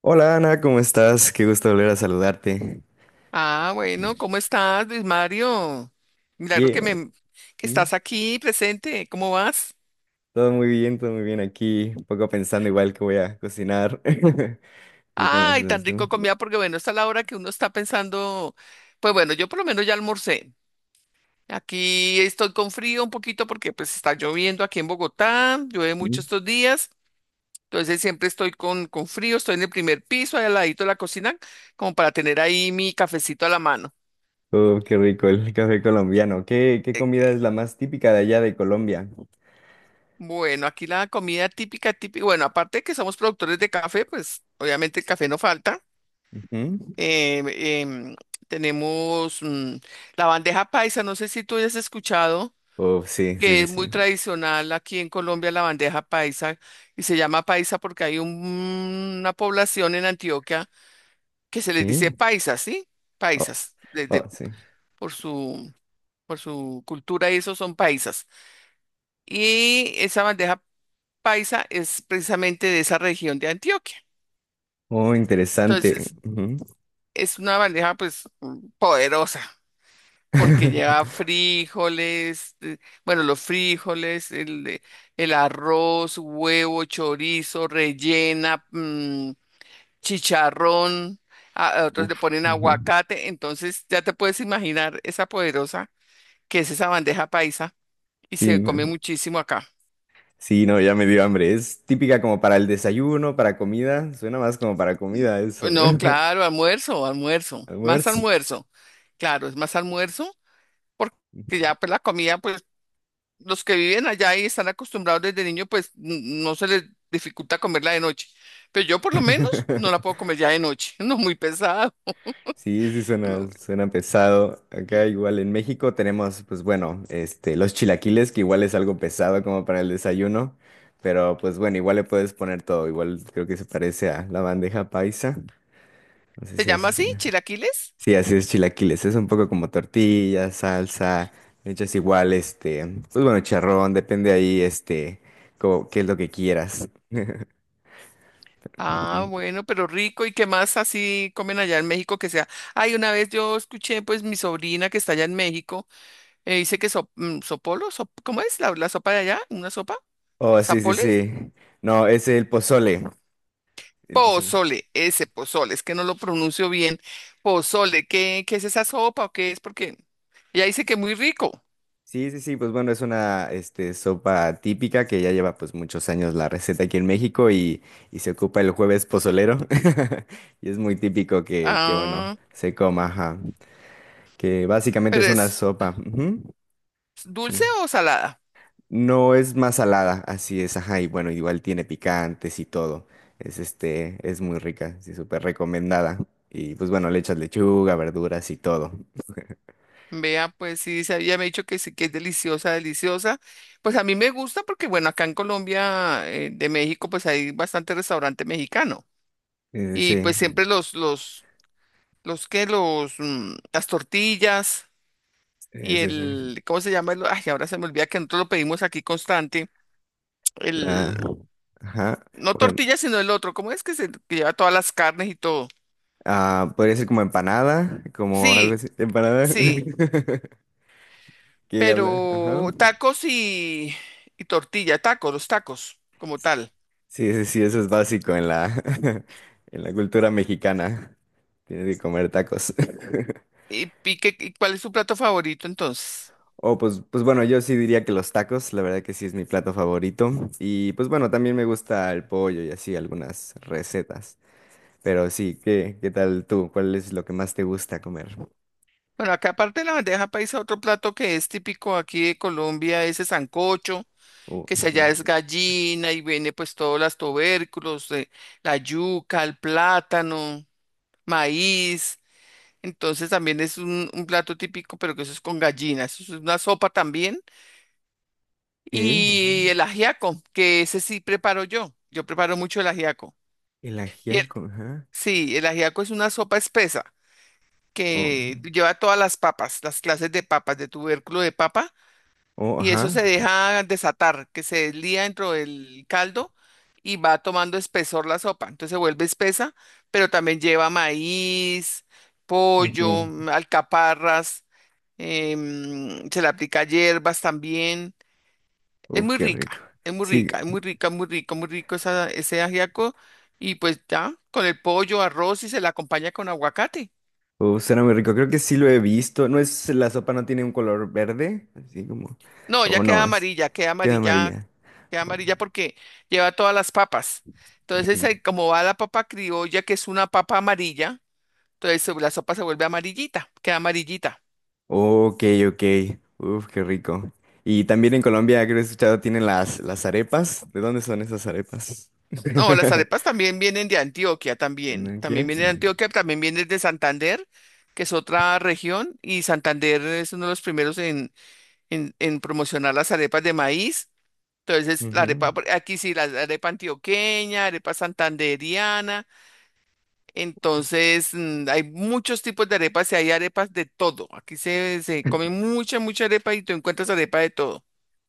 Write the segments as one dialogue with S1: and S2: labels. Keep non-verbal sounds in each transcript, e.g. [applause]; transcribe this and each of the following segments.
S1: Hola Ana, ¿cómo estás? Qué gusto volver a saludarte.
S2: Ah, bueno, ¿cómo estás, Luis Mario? Milagro
S1: Bien,
S2: que me que
S1: ¿m?
S2: estás aquí presente. ¿Cómo vas?
S1: Todo muy bien aquí. Un poco pensando igual que voy a cocinar. [laughs] ¿Y con las
S2: Ay, tan
S1: cosas
S2: rico
S1: tú?
S2: comida porque bueno, está la hora que uno está pensando, pues bueno, yo por lo menos ya almorcé. Aquí estoy con frío un poquito porque pues está lloviendo aquí en Bogotá, llueve
S1: ¿Mm?
S2: mucho estos días, entonces siempre estoy con frío, estoy en el primer piso, ahí al ladito de la cocina, como para tener ahí mi cafecito a la mano.
S1: Oh, qué rico el café colombiano. ¿Qué comida es la más típica de allá de Colombia?
S2: Bueno, aquí la comida típica, típica, bueno, aparte de que somos productores de café, pues obviamente el café no falta.
S1: Ujú.
S2: Eh, em, tenemos la bandeja paisa, no sé si tú hayas escuchado,
S1: Oh, sí, sí,
S2: que
S1: sí,
S2: es
S1: sí.
S2: muy tradicional aquí en Colombia la bandeja paisa y se llama paisa porque hay una población en Antioquia que se les dice
S1: ¿Sí?
S2: paisas, ¿sí?
S1: Oh,
S2: Paisas,
S1: oh,
S2: desde,
S1: sí.
S2: por su, por su cultura y eso son paisas. Y esa bandeja paisa es precisamente de esa región de Antioquia.
S1: Oh, interesante.
S2: Entonces,
S1: Ujú.
S2: es una bandeja pues poderosa porque lleva
S1: [laughs]
S2: frijoles, bueno, los frijoles, el arroz, huevo, chorizo, rellena, chicharrón, a otros le
S1: Uf.
S2: ponen
S1: Ujú.
S2: aguacate, entonces ya te puedes imaginar esa poderosa que es esa bandeja paisa y
S1: Sí,
S2: se come
S1: no.
S2: muchísimo acá.
S1: Sí, no, ya me dio hambre. Es típica como para el desayuno, para comida. Suena más como para comida eso.
S2: No, claro,
S1: [laughs]
S2: almuerzo, almuerzo, más
S1: Almuerzo.
S2: almuerzo. Claro, es más almuerzo porque ya pues la comida, pues los que viven allá y están acostumbrados desde niño, pues no se les dificulta comerla de noche. Pero yo por lo menos no la puedo
S1: [laughs]
S2: comer ya de noche, [laughs] no muy pesado.
S1: Sí, sí, suena,
S2: No,
S1: suena pesado. Acá igual en México tenemos, pues bueno, este, los chilaquiles, que igual es algo pesado como para el desayuno. Pero pues bueno, igual le puedes poner todo. Igual creo que se parece a la bandeja paisa. No sé
S2: ¿se
S1: si
S2: llama
S1: haces.
S2: así, chilaquiles?
S1: Sí, así es chilaquiles. Es un poco como tortilla, salsa, hechas igual, este, pues bueno, charrón, depende ahí, este, como, qué es lo que quieras. [laughs]
S2: Ah,
S1: Ujú.
S2: bueno, pero rico. ¿Y qué más así comen allá en México que sea? Ay, una vez yo escuché, pues mi sobrina que está allá en México, dice que ¿cómo es la sopa de allá? ¿Una sopa?
S1: Oh, sí, sí,
S2: ¿Zapoles?
S1: sí. No, es el pozole. El pozole.
S2: Pozole, ese pozole, es que no lo pronuncio bien. Pozole, ¿qué, qué es esa sopa o qué es? Porque ella dice que muy rico.
S1: Sí, sí, sí, pues bueno, es una, este, sopa típica que ya lleva pues muchos años la receta aquí en México, y se ocupa el jueves pozolero. [laughs] Y es muy típico que, bueno,
S2: Ah,
S1: se coma, ajá. Que básicamente
S2: pero
S1: es una
S2: ¿es
S1: sopa. Ujú. Sí.
S2: dulce
S1: ¿No?
S2: o salada?
S1: No, es más salada, así es, ajá, y bueno, igual tiene picantes y todo. Es este, es muy rica, sí, súper recomendada. Y pues bueno, le echas lechuga, verduras y todo.
S2: Vea, pues sí, se había dicho que sí, que es deliciosa, deliciosa. Pues a mí me gusta porque, bueno, acá en Colombia, de México, pues hay bastante restaurante mexicano. Y
S1: Sí,
S2: pues siempre los que, las tortillas
S1: sí,
S2: y
S1: sí, sí.
S2: el, ¿cómo se llama? Ay, ahora se me olvida que nosotros lo pedimos aquí constante
S1: La,
S2: el,
S1: ajá.
S2: no
S1: Bueno,
S2: tortilla, sino el otro. ¿Cómo es que se que lleva todas las carnes y todo?
S1: ah, podría ser como empanada, como algo
S2: Sí,
S1: así. Empanada.
S2: sí,
S1: [laughs] ¿Qué habla? Ajá.
S2: pero tacos y tortilla, tacos, los tacos, como tal.
S1: Sí, sí, sí, eso es básico en la, [laughs] en la cultura mexicana. Tienes que comer tacos. [laughs]
S2: Y qué- y cuál es su plato favorito entonces?
S1: Oh, pues, pues bueno, yo sí diría que los tacos, la verdad que sí es mi plato favorito. Y pues bueno, también me gusta el pollo y así algunas recetas. Pero sí, ¿qué tal tú? ¿Cuál es lo que más te gusta comer?
S2: Bueno, acá aparte de la bandeja paisa, otro plato que es típico aquí de Colombia es el sancocho,
S1: Oh,
S2: que se
S1: ujú.
S2: allá es gallina y viene pues todos los tubérculos, la yuca, el plátano, maíz. Entonces también es un plato típico, pero que eso es con gallina. Eso es una sopa también.
S1: ¿Qué?
S2: Y
S1: Ujú.
S2: el ajiaco, que ese sí preparo yo. Yo preparo mucho el ajiaco.
S1: El
S2: Y el-
S1: ajiaco, ajá.
S2: sí, el ajiaco es una sopa espesa
S1: Oh, ok.
S2: que lleva todas las papas, las clases de papas, de tubérculo de papa.
S1: Oh,
S2: Y eso se
S1: ajá.
S2: deja desatar, que se deslía dentro del caldo y va tomando espesor la sopa. Entonces se vuelve espesa, pero también lleva maíz, pollo,
S1: Ujú.
S2: alcaparras. Se le aplica hierbas también. Es
S1: Uf,
S2: muy
S1: qué
S2: rica,
S1: rico.
S2: es muy rica,
S1: Sí,
S2: es muy rica, muy rico ese ajiaco. Y pues ya, con el pollo, arroz y se la acompaña con aguacate.
S1: uf, suena muy rico. Creo que sí lo he visto. ¿No es la sopa no tiene un color verde? Así como.
S2: No, ya
S1: O
S2: queda
S1: no, es.
S2: amarilla, queda
S1: Queda
S2: amarilla,
S1: amarilla.
S2: queda amarilla porque lleva todas las papas. Entonces,
S1: Oh.
S2: ahí como va la papa criolla, que es una papa amarilla, entonces la sopa se vuelve amarillita, queda amarillita.
S1: Ok, ok. Uf, qué rico. Y también en Colombia, creo que he escuchado, tienen las arepas. ¿De dónde son esas arepas?
S2: No, las
S1: [laughs]
S2: arepas también vienen de Antioquia, también. También vienen de
S1: ¿Tenochtitlán?
S2: Antioquia, también vienen de Santander, que es otra región, y Santander es uno de los primeros en promocionar las arepas de maíz. Entonces,
S1: Ujú.
S2: aquí sí, la arepa antioqueña, arepa santanderiana. Entonces, hay muchos tipos de arepas y hay arepas de todo. Aquí se come mucha, mucha arepa y tú encuentras arepa de todo.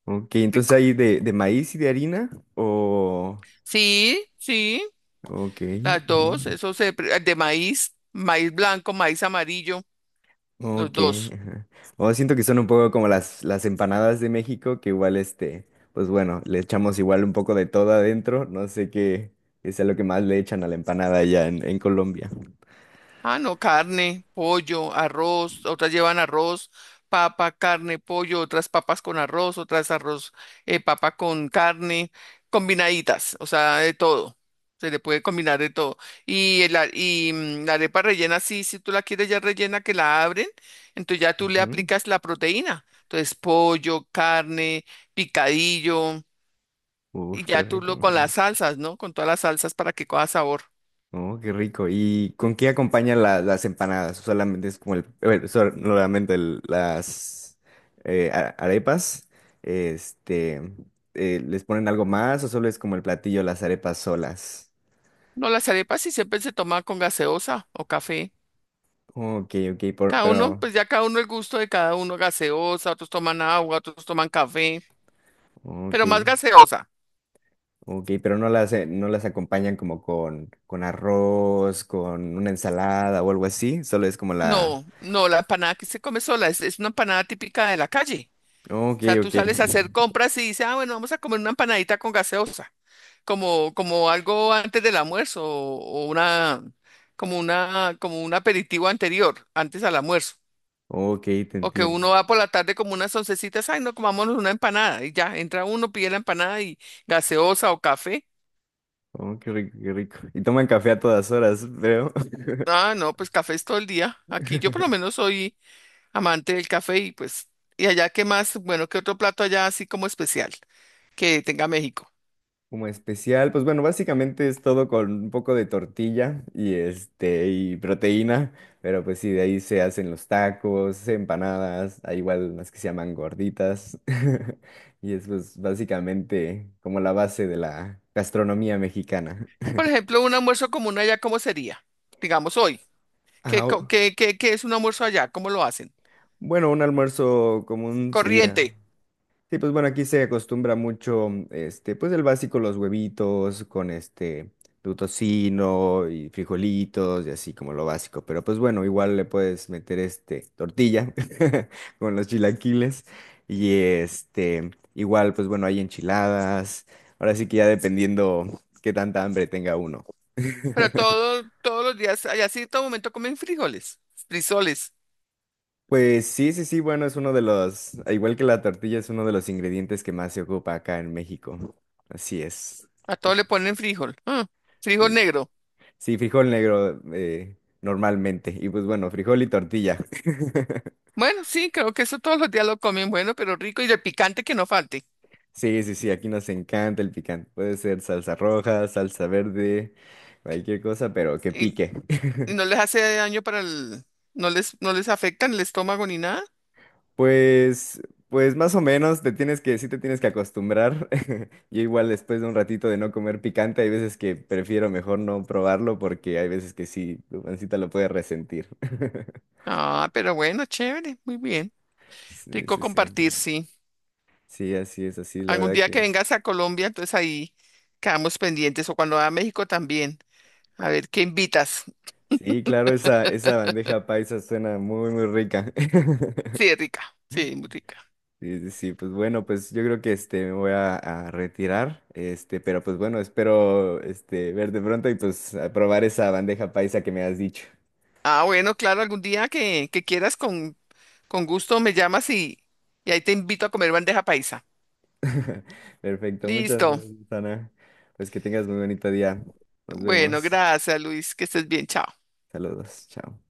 S1: Ok, entonces
S2: Rico.
S1: hay de maíz y de harina o...
S2: Sí, sí.
S1: Ok.
S2: Las dos,
S1: Ujú.
S2: eso de maíz, maíz blanco, maíz amarillo, los
S1: Ok.
S2: dos.
S1: Ajá. O siento que son un poco como las empanadas de México, que igual este, pues bueno, le echamos igual un poco de todo adentro. No sé qué sea lo que más le echan a la empanada allá en Colombia.
S2: Ah, no, carne, pollo, arroz, otras llevan arroz, papa, carne, pollo, otras papas con arroz, otras arroz, papa con carne, combinaditas, o sea, de todo. Se le puede combinar de todo. Y, y la arepa rellena, sí, si tú la quieres ya rellena, que la abren, entonces ya tú le
S1: Ujú.
S2: aplicas la proteína. Entonces, pollo, carne, picadillo. Y
S1: Uf, qué
S2: ya tú
S1: rico.
S2: lo con las salsas, ¿no? Con todas las salsas para que coja sabor.
S1: Oh, qué rico. ¿Y con qué acompañan la- las empanadas? Solamente es como el, bueno, solamente el- las a- arepas. Este, ¿les ponen algo más o solo es como el platillo, las arepas solas?
S2: No, las arepas sí siempre se toman con gaseosa o café.
S1: Ok, ok, por-
S2: Cada uno,
S1: pero,
S2: pues ya cada uno el gusto de cada uno, gaseosa, otros toman agua, otros toman café,
S1: ok,
S2: pero más gaseosa.
S1: ok, pero no las, no las acompañan como con arroz, con una ensalada o algo así. Solo es como la,
S2: No, no, la empanada que se come sola es una empanada típica de la calle.
S1: ok,
S2: O sea, tú
S1: ok,
S2: sales a hacer compras y dices, ah, bueno, vamos a comer una empanadita con gaseosa, como, como algo antes del almuerzo o una, como un aperitivo anterior, antes al almuerzo.
S1: ok, te
S2: O que
S1: entiendo.
S2: uno va por la tarde como unas oncecitas, ay, no, comámonos una empanada y ya, entra uno, pide la empanada y gaseosa o café.
S1: Oh, qué rico, qué rico. Y toman café a todas horas, creo.
S2: Ah, no, pues café es todo el día. Aquí yo por lo
S1: [laughs]
S2: menos soy amante del café y pues, y allá qué más, bueno, qué otro plato allá así como especial que tenga México.
S1: Como especial, pues bueno, básicamente es todo con un poco de tortilla y este y proteína, pero pues sí, de ahí se hacen los tacos, empanadas, hay igual las que se llaman gorditas. [laughs] Y eso es pues, básicamente como la base de la gastronomía mexicana. [laughs]
S2: Por ejemplo, un almuerzo común allá, ¿cómo sería? Digamos hoy,
S1: Ah,
S2: ¿qué, co-
S1: o-
S2: qué, qué, qué es un almuerzo allá? ¿Cómo lo hacen?
S1: bueno, un almuerzo común sería
S2: Corriente,
S1: sí, pues bueno, aquí se acostumbra mucho, mm, este, pues el básico, los huevitos con este, tu tocino y frijolitos y así como lo básico. Pero pues bueno, igual le puedes meter este, tortilla [laughs] con los chilaquiles y este, igual pues bueno, hay enchiladas. Ahora sí que ya dependiendo qué tanta hambre tenga uno. [laughs]
S2: pero todo, todos los días, allá sí, todo momento comen frijoles, frisoles,
S1: Pues sí, sí, sí, bueno, es uno de los, al igual que la tortilla, es uno de los ingredientes que más se ocupa acá en México. Así es.
S2: a todo le ponen frijol, ah,
S1: Sí.
S2: frijol negro.
S1: Sí, frijol negro normalmente. Y pues bueno, frijol y tortilla. [laughs]
S2: Bueno, sí, creo que eso todos los días lo comen bueno, pero rico y de picante que no falte.
S1: Sí, sí, sí, aquí nos encanta el picante. Puede ser salsa roja, salsa verde, cualquier cosa, pero que
S2: Y,
S1: pique.
S2: y
S1: [laughs]
S2: no les hace daño para el, no les afecta en el estómago ni nada.
S1: Pues, pues más o menos te tienes que, sí te tienes que acostumbrar. [laughs] Yo igual después de un ratito de no comer picante, hay veces que prefiero mejor no probarlo porque hay veces que sí, tu pancita lo puede resentir. [laughs]
S2: Ah, pero bueno, chévere, muy bien.
S1: Sí,
S2: Rico
S1: sí, sí.
S2: compartir, sí.
S1: Sí, así es, así, la
S2: Algún
S1: verdad
S2: día que vengas a Colombia, entonces ahí quedamos pendientes, o cuando va a México también. A ver, ¿qué invitas?
S1: sí, claro, esa bandeja paisa suena muy, muy rica. [laughs]
S2: Sí, rica, sí, muy rica.
S1: Sí, sí, sí, pues bueno, pues yo creo que este me voy a retirar, este, pero pues bueno, espero este verte pronto y pues a probar esa bandeja paisa que me has dicho.
S2: Ah, bueno, claro, algún día que quieras con gusto me llamas y ahí te invito a comer bandeja paisa.
S1: [laughs] Perfecto, muchas
S2: Listo.
S1: gracias, Ana. Pues que tengas muy bonito día. Nos
S2: Bueno,
S1: vemos.
S2: gracias, Luis, que estés bien, chao.
S1: Saludos, chao.